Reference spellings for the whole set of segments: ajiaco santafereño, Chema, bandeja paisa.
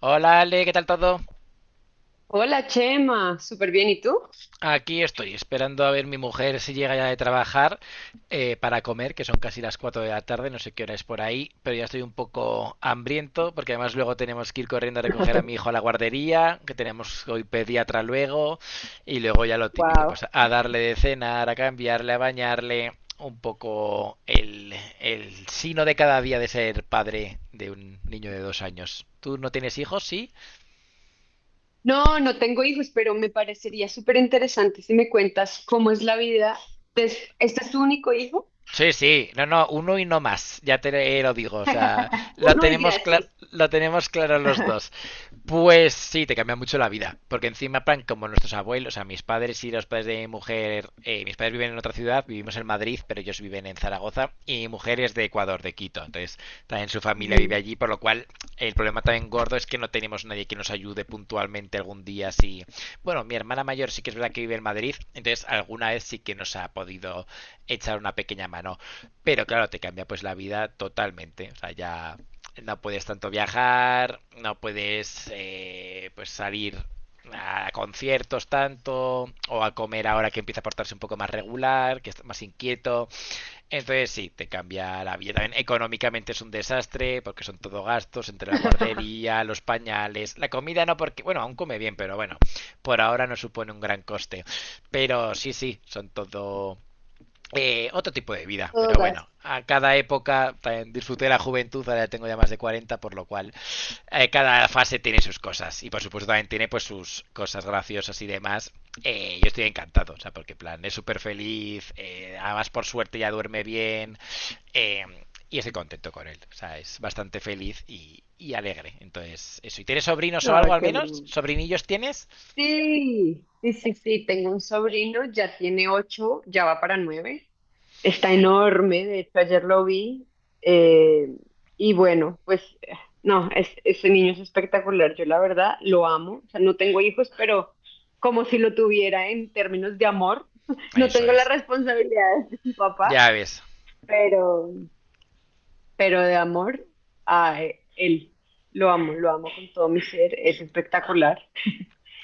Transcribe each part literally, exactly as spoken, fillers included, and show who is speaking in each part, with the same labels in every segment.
Speaker 1: Hola Ale, ¿qué tal todo?
Speaker 2: Hola Chema, súper bien, ¿y tú?
Speaker 1: Aquí estoy, esperando a ver mi mujer si llega ya de trabajar eh, para comer, que son casi las cuatro de la tarde, no sé qué hora es por ahí, pero ya estoy un poco hambriento, porque además luego tenemos que ir corriendo a recoger a mi hijo a la guardería, que tenemos hoy pediatra luego, y luego ya lo típico,
Speaker 2: Wow.
Speaker 1: pues a darle de cenar, a cambiarle, a bañarle, un poco el, el sino de cada día de ser padre de un niño de dos años. ¿Tú no tienes hijos? ¿Sí?
Speaker 2: No, no tengo hijos, pero me parecería súper interesante si me cuentas cómo es la vida. des- ¿Este es tu único hijo?
Speaker 1: Sí, sí, no, no, uno y no más, ya te eh, lo digo, o sea, lo
Speaker 2: Uno y
Speaker 1: tenemos, cla-
Speaker 2: gracias.
Speaker 1: lo tenemos claro los dos. Pues sí, te cambia mucho la vida, porque encima, plan, como nuestros abuelos, o sea, mis padres y los padres de mi mujer, eh, mis padres viven en otra ciudad, vivimos en Madrid, pero ellos viven en Zaragoza, y mi mujer es de Ecuador, de Quito, entonces también su familia vive
Speaker 2: Ujú.
Speaker 1: allí, por lo cual el problema también gordo es que no tenemos nadie que nos ayude puntualmente algún día, si... Bueno, mi hermana mayor sí que es verdad que vive en Madrid, entonces alguna vez sí que nos ha podido echar una pequeña mano. Pero claro, te cambia pues la vida totalmente. O sea, ya no puedes tanto viajar, no puedes eh, pues salir a conciertos tanto o a comer ahora que empieza a portarse un poco más regular, que está más inquieto. Entonces sí, te cambia la vida. También económicamente es un desastre porque son todo gastos entre la guardería, los pañales, la comida no porque, bueno, aún come bien, pero bueno, por ahora no supone un gran coste. Pero sí, sí, son todo eh, otro tipo de vida,
Speaker 2: Todo
Speaker 1: pero bueno,
Speaker 2: gasto.
Speaker 1: a cada época también disfruté de la juventud, ahora ya tengo ya más de cuarenta, por lo cual eh, cada fase tiene sus cosas y por supuesto también tiene pues sus cosas graciosas y demás. Eh, yo estoy encantado, o sea, porque en plan es súper feliz, eh, además por suerte ya duerme bien eh, y estoy contento con él, o sea, es bastante feliz y, y alegre. Entonces, eso, ¿y tienes sobrinos o
Speaker 2: Ah,
Speaker 1: algo al
Speaker 2: qué
Speaker 1: menos?
Speaker 2: bueno.
Speaker 1: ¿Sobrinillos tienes?
Speaker 2: Sí, sí, sí, sí, tengo un sobrino, ya tiene ocho, ya va para nueve. Está enorme, de hecho ayer lo vi. eh, y bueno, pues eh, no, es, ese niño es espectacular, yo la verdad lo amo. O sea, no tengo hijos, pero como si lo tuviera en términos de amor. No
Speaker 1: Eso
Speaker 2: tengo las
Speaker 1: es,
Speaker 2: responsabilidades de mi papá,
Speaker 1: ya ves.
Speaker 2: pero pero de amor a él. Lo amo, lo amo con todo mi ser, es espectacular.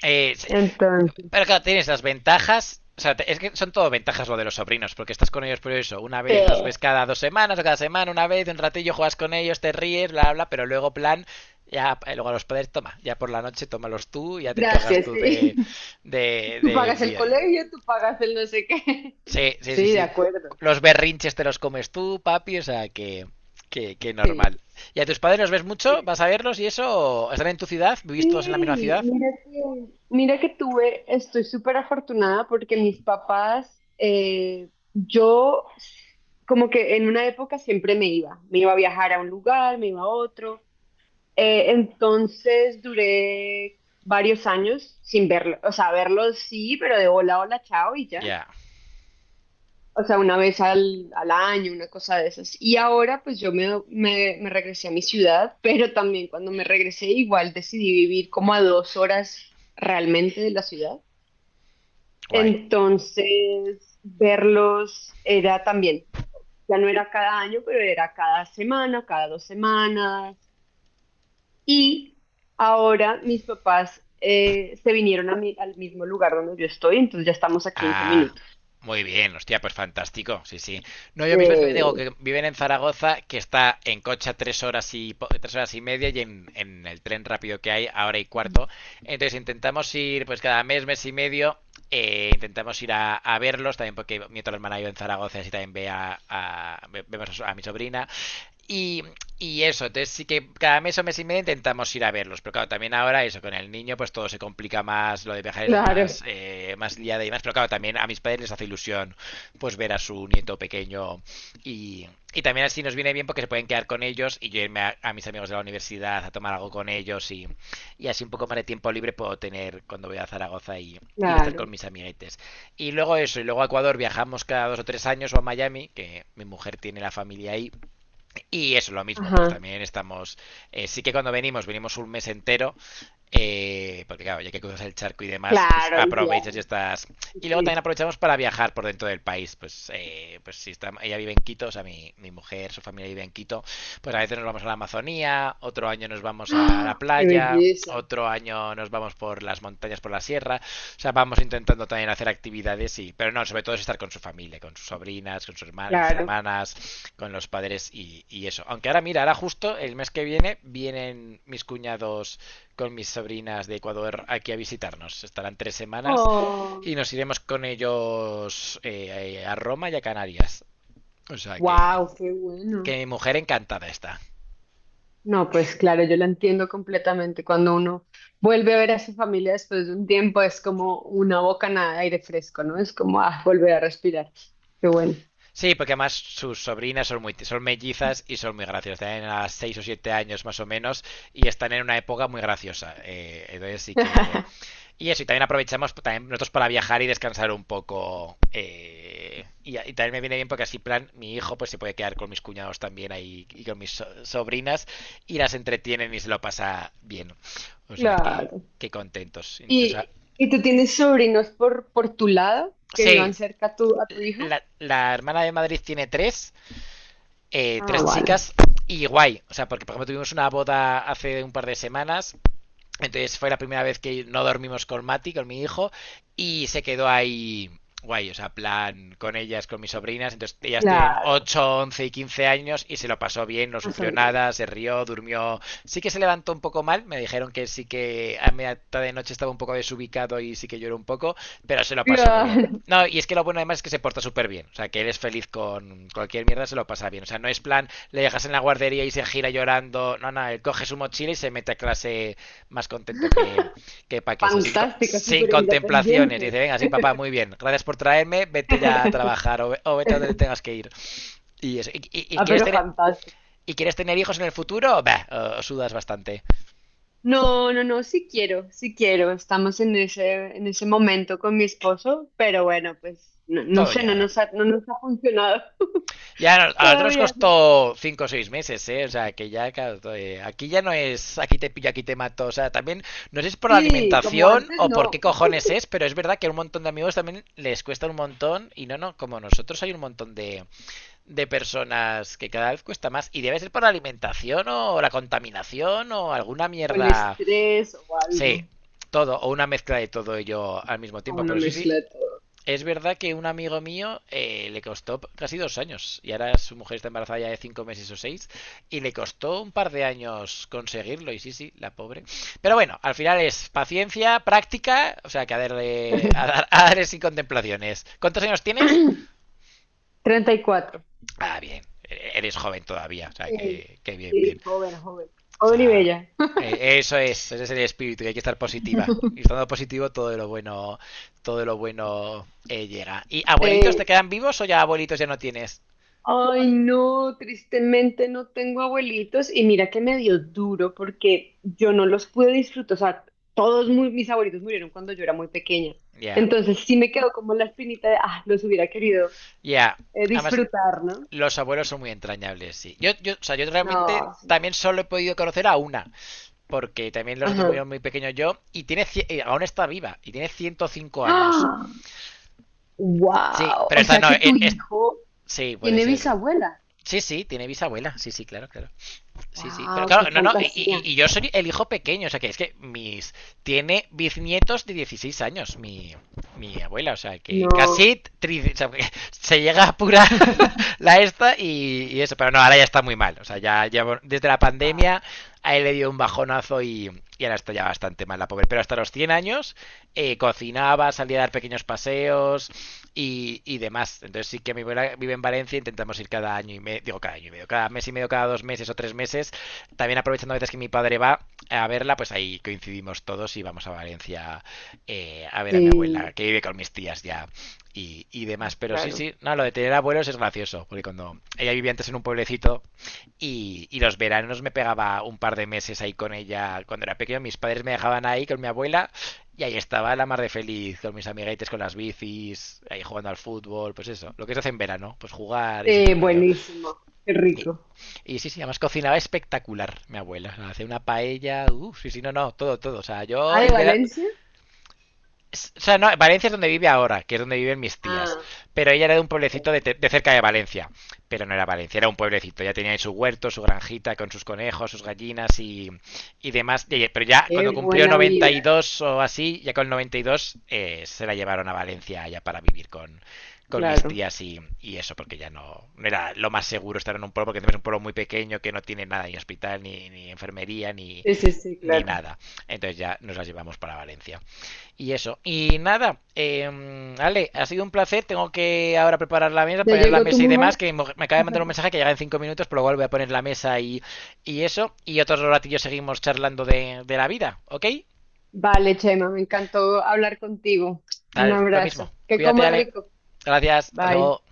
Speaker 1: Eh, sí,
Speaker 2: Entonces,
Speaker 1: pero claro, tienes las ventajas. O sea, es que son todo ventajas lo de los sobrinos, porque estás con ellos por eso. Una
Speaker 2: sí,
Speaker 1: vez los ves cada dos semanas o cada semana, una vez, un ratillo juegas con ellos, te ríes, bla, bla, pero luego, plan, ya, eh, luego a los padres, toma, ya por la noche, tómalos tú, ya te encargas
Speaker 2: gracias.
Speaker 1: tú de,
Speaker 2: Sí.
Speaker 1: de,
Speaker 2: Tú pagas
Speaker 1: del
Speaker 2: el
Speaker 1: día a día.
Speaker 2: colegio, tú pagas el no sé qué.
Speaker 1: Sí, sí, sí,
Speaker 2: Sí, de
Speaker 1: sí.
Speaker 2: acuerdo.
Speaker 1: Los berrinches te los comes tú, papi, o sea, que, que, que
Speaker 2: Sí.
Speaker 1: normal. ¿Y a tus padres los ves mucho? ¿Vas a verlos y eso? ¿Están en tu ciudad? ¿Vivís todos en la misma
Speaker 2: Sí,
Speaker 1: ciudad?
Speaker 2: mira que, mira que tuve, estoy súper afortunada porque mis papás, eh, yo como que en una época siempre me iba, me iba a viajar a un lugar, me iba a otro, eh, entonces duré varios años sin verlo, o sea, verlos sí, pero de hola, hola, chao y
Speaker 1: Ya,
Speaker 2: ya.
Speaker 1: yeah.
Speaker 2: O sea, una vez al, al año, una cosa de esas. Y ahora pues yo me, me, me regresé a mi ciudad, pero también cuando me regresé igual decidí vivir como a dos horas realmente de la ciudad.
Speaker 1: Guay.
Speaker 2: Entonces, verlos era también, ya no era cada año, pero era cada semana, cada dos semanas. Y ahora mis papás eh, se vinieron a mi- al mismo lugar donde yo estoy, entonces ya estamos a quince
Speaker 1: Ah,
Speaker 2: minutos.
Speaker 1: muy bien, hostia, pues fantástico, sí, sí. No, yo mismo es que me digo
Speaker 2: Eh,
Speaker 1: que viven en Zaragoza, que está en coche a tres horas y po- tres horas y media y en, en el tren rápido que hay a hora y cuarto. Entonces intentamos ir, pues cada mes, mes y medio, eh, intentamos ir a, a verlos también porque mi otra hermana yo en Zaragoza, así también ve a, a- ve- vemos a, su- a mi sobrina y, y eso, entonces sí que cada mes o mes y medio intentamos ir a verlos, pero claro, también ahora eso, con el niño pues todo se complica más, lo de viajar es
Speaker 2: claro,
Speaker 1: más, eh, más liada y más, pero claro, también a mis padres les hace ilusión pues ver a su nieto pequeño y, y también así nos viene bien porque se pueden quedar con ellos y yo irme a, a mis amigos de la universidad a tomar algo con ellos y, y así un poco más de tiempo libre puedo tener cuando voy a Zaragoza y, y estar
Speaker 2: claro.
Speaker 1: con mis amiguetes. Y luego eso, y luego a Ecuador viajamos cada dos o tres años o a Miami, que mi mujer tiene la familia ahí y eso, es lo mismo, pues
Speaker 2: Ajá.
Speaker 1: también estamos, eh, sí que cuando venimos, venimos un mes entero, eh, porque claro, ya que cruzas el charco y demás, pues
Speaker 2: Claro, el
Speaker 1: aprovechas y
Speaker 2: viaje.
Speaker 1: estás...
Speaker 2: Sí.
Speaker 1: Y luego también
Speaker 2: Sí.
Speaker 1: aprovechamos para viajar por dentro del país, pues, eh, pues si está, ella vive en Quito, o sea, mi, mi mujer, su familia vive en Quito, pues a veces nos vamos a la Amazonía, otro año nos vamos a la
Speaker 2: ¡Ah! ¡Qué
Speaker 1: playa,
Speaker 2: belleza!
Speaker 1: otro año nos vamos por las montañas, por la sierra, o sea, vamos intentando también hacer actividades, y pero no, sobre todo es estar con su familia, con sus sobrinas, con, sus herma- con sus
Speaker 2: Claro.
Speaker 1: hermanas, con los padres y, y eso. Aunque ahora, mira, ahora justo el mes que viene vienen mis cuñados con mis sobrinas de Ecuador aquí a visitarnos. Estarán tres semanas y
Speaker 2: Oh,
Speaker 1: nos iremos con ellos eh, a Roma y a Canarias. O sea que,
Speaker 2: wow, qué bueno.
Speaker 1: que mi mujer encantada está.
Speaker 2: No, pues claro, yo lo entiendo completamente. Cuando uno vuelve a ver a su familia después de un tiempo, es como una bocanada de aire fresco, ¿no? Es como ah, volver a respirar. Qué bueno.
Speaker 1: Sí, porque además sus sobrinas son muy, son mellizas y son muy graciosas. Tienen a seis o siete años más o menos y están en una época muy graciosa. Eh, entonces sí que... Y eso, y también aprovechamos pues, también nosotros para viajar y descansar un poco. eh, y, y también me viene bien porque así, plan, mi hijo pues se puede quedar con mis cuñados también ahí y con mis so- sobrinas y las entretienen y se lo pasa bien. O sea que,
Speaker 2: Claro.
Speaker 1: qué contentos. Entonces, ah,
Speaker 2: ¿Y, y tú tienes sobrinos por, por tu lado que vivan
Speaker 1: sí,
Speaker 2: cerca a tu, a tu hijo?
Speaker 1: la, la hermana de Madrid tiene tres eh,
Speaker 2: Ah,
Speaker 1: tres
Speaker 2: vale.
Speaker 1: chicas y guay. O sea, porque por ejemplo tuvimos una boda hace un par de semanas entonces fue la primera vez que no dormimos con Mati, con mi hijo, y se quedó ahí guay, o sea, plan con ellas, con mis sobrinas. Entonces, ellas tienen
Speaker 2: Claro.
Speaker 1: ocho, once y quince años y se lo pasó bien, no
Speaker 2: Ah, son
Speaker 1: sufrió
Speaker 2: grandes.
Speaker 1: nada, se rió, durmió. Sí que se levantó un poco mal, me dijeron que sí que a media tarde de noche estaba un poco desubicado y sí que lloró un poco, pero se lo pasó muy bien.
Speaker 2: Claro.
Speaker 1: No, y es que lo bueno además es que se porta súper bien. O sea, que él es feliz con cualquier mierda, se lo pasa bien. O sea, no es plan, le dejas en la guardería y se gira llorando. No, no, él coge su mochila y se mete a clase más contento que, que, Paqueso, sin,
Speaker 2: Fantástica,
Speaker 1: sin
Speaker 2: súper
Speaker 1: contemplaciones.
Speaker 2: independiente.
Speaker 1: Dice, venga, sí, papá, muy bien, gracias por traerme, vete ya a trabajar o, o vete a donde tengas que ir. Y, eso, y, y, y
Speaker 2: Ah,
Speaker 1: quieres
Speaker 2: pero
Speaker 1: tener...
Speaker 2: fantástico.
Speaker 1: ¿Y quieres tener hijos en el futuro? Bah, os sudas bastante.
Speaker 2: No, no, no, sí quiero, sí quiero. Estamos en ese, en ese momento con mi esposo, pero bueno, pues no, no
Speaker 1: Todo
Speaker 2: sé, no
Speaker 1: llegará.
Speaker 2: nos ha, no nos ha funcionado
Speaker 1: Ya a nosotros
Speaker 2: todavía.
Speaker 1: costó cinco o seis meses, ¿eh? O sea, que ya, claro, aquí ya no es aquí te pillo, aquí te mato. O sea, también no sé si es por la
Speaker 2: Sí, como
Speaker 1: alimentación
Speaker 2: antes
Speaker 1: o por
Speaker 2: no.
Speaker 1: qué cojones es, pero es verdad que a un montón de amigos también les cuesta un montón. Y no, no, como nosotros hay un montón de, de personas que cada vez cuesta más. Y debe ser por la alimentación o la contaminación o alguna
Speaker 2: O el
Speaker 1: mierda.
Speaker 2: estrés o
Speaker 1: Sí,
Speaker 2: algo,
Speaker 1: todo, o una mezcla de todo ello al mismo
Speaker 2: o
Speaker 1: tiempo.
Speaker 2: una
Speaker 1: Pero sí, sí,
Speaker 2: mezcla de todo.
Speaker 1: es verdad que un amigo mío eh, le costó casi dos años. Y ahora su mujer está embarazada ya de cinco meses o seis. Y le costó un par de años conseguirlo. Y sí, sí, la pobre. Pero bueno, al final es paciencia, práctica. O sea, que a darle, a, dar- a darle sin contemplaciones. ¿Cuántos años tienes?
Speaker 2: Treinta y cuatro.
Speaker 1: Ah, bien. Eres joven todavía, o sea,
Speaker 2: Sí,
Speaker 1: que, que bien, bien.
Speaker 2: sí, joven, joven.
Speaker 1: O
Speaker 2: Joven y
Speaker 1: sea,
Speaker 2: bella.
Speaker 1: eh, eso es, ese es el espíritu, que hay que estar positiva. Y estando positivo, todo lo bueno, todo lo bueno eh, llega. ¿Y abuelitos te
Speaker 2: Sí.
Speaker 1: quedan vivos o ya abuelitos ya no tienes?
Speaker 2: Ay, no, tristemente no tengo abuelitos y mira que me dio duro porque yo no los pude disfrutar, o sea, todos mu- mis abuelitos murieron cuando yo era muy pequeña.
Speaker 1: Ya, yeah. Ya.
Speaker 2: Entonces sí me quedó como la espinita de, ah, los hubiera querido
Speaker 1: Yeah.
Speaker 2: eh,
Speaker 1: Además,
Speaker 2: disfrutar, ¿no?
Speaker 1: los abuelos son muy entrañables, sí. Yo, yo, o sea, yo realmente
Speaker 2: No,
Speaker 1: también solo he podido conocer a una, porque también los otros
Speaker 2: ajá.
Speaker 1: murieron muy pequeños yo, y tiene, cien- eh, aún está viva, y tiene ciento cinco años.
Speaker 2: ¡Ah!
Speaker 1: Sí,
Speaker 2: ¡Wow!
Speaker 1: pero
Speaker 2: O
Speaker 1: esta
Speaker 2: sea
Speaker 1: no,
Speaker 2: que tu
Speaker 1: eh, es,
Speaker 2: hijo
Speaker 1: sí, puede
Speaker 2: tiene
Speaker 1: ser.
Speaker 2: bisabuela.
Speaker 1: Sí, sí, tiene bisabuela. Sí, sí, claro, claro. Sí, sí. Pero
Speaker 2: ¡Wow! ¡Qué
Speaker 1: claro, no, no. Y, y-
Speaker 2: fantasía!
Speaker 1: y yo soy el hijo pequeño. O sea, que es que mis. Tiene bisnietos de dieciséis años, mi, mi abuela. O sea, que
Speaker 2: No.
Speaker 1: casi tri- o sea, se llega a apurar la esta y, y eso. Pero no, ahora ya está muy mal. O sea, ya, ya bueno, desde la
Speaker 2: Ah,
Speaker 1: pandemia a él le dio un bajonazo y, y ahora está ya bastante mal la pobre. Pero hasta los cien años, eh, cocinaba, salía a dar pequeños paseos, y, y demás. Entonces sí que mi abuela vive en Valencia, intentamos ir cada año y medio, digo cada año y medio, cada mes y medio, cada dos meses o tres meses. También aprovechando a veces que mi padre va a verla, pues ahí coincidimos todos y vamos a Valencia eh, a ver a mi abuela,
Speaker 2: sí,
Speaker 1: que vive con mis tías ya y, y, demás.
Speaker 2: no,
Speaker 1: Pero sí,
Speaker 2: claro.
Speaker 1: sí, no, lo de tener abuelos es gracioso, porque cuando ella vivía antes en un pueblecito y, y los veranos me pegaba un par de meses ahí con ella cuando era pequeño, mis padres me dejaban ahí con mi abuela y ahí estaba la mar de feliz con mis amiguetes, con las bicis, ahí jugando al fútbol, pues eso. Lo que se hace en verano, pues jugar y
Speaker 2: Eh,
Speaker 1: siendo crío.
Speaker 2: buenísimo, qué
Speaker 1: Y,
Speaker 2: rico.
Speaker 1: y sí, sí, además cocinaba espectacular mi abuela. O sea, hacía una paella, uff, sí, sí, no, no, todo, todo. O sea,
Speaker 2: Ah,
Speaker 1: yo
Speaker 2: de
Speaker 1: el verano,
Speaker 2: Valencia.
Speaker 1: o sea, no, Valencia es donde vive ahora, que es donde viven mis tías.
Speaker 2: Ah,
Speaker 1: Pero ella era de un pueblecito de, de cerca de Valencia. Pero no era Valencia, era un pueblecito. Ya tenía ahí su huerto, su granjita con sus conejos, sus gallinas y, y demás. Pero ya cuando
Speaker 2: qué
Speaker 1: cumplió
Speaker 2: buena vida.
Speaker 1: noventa y dos o así, ya con noventa y dos eh, se la llevaron a Valencia ya para vivir con, con mis
Speaker 2: Claro.
Speaker 1: tías y, y eso, porque ya no, no era lo más seguro estar en un pueblo, porque encima es un pueblo muy pequeño que no tiene nada, ni hospital, ni, ni enfermería, ni,
Speaker 2: Sí, sí, sí,
Speaker 1: ni
Speaker 2: claro.
Speaker 1: nada. Entonces ya nos la llevamos para Valencia. Y eso. Y nada, eh, Ale, ha sido un placer. Tengo que ahora preparar la mesa,
Speaker 2: ¿Ya
Speaker 1: poner la
Speaker 2: llegó tu
Speaker 1: mesa y demás.
Speaker 2: mujer?
Speaker 1: Que me acaba de mandar un mensaje que llega en cinco minutos, pero luego voy a poner la mesa y, y eso. Y otros ratillos seguimos charlando de, de la vida, ¿ok?
Speaker 2: Vale, Chema, me encantó hablar contigo. Un
Speaker 1: Dale, lo mismo.
Speaker 2: abrazo. Que
Speaker 1: Cuídate,
Speaker 2: comas
Speaker 1: Ale.
Speaker 2: rico.
Speaker 1: Gracias. Hasta
Speaker 2: Bye.
Speaker 1: luego.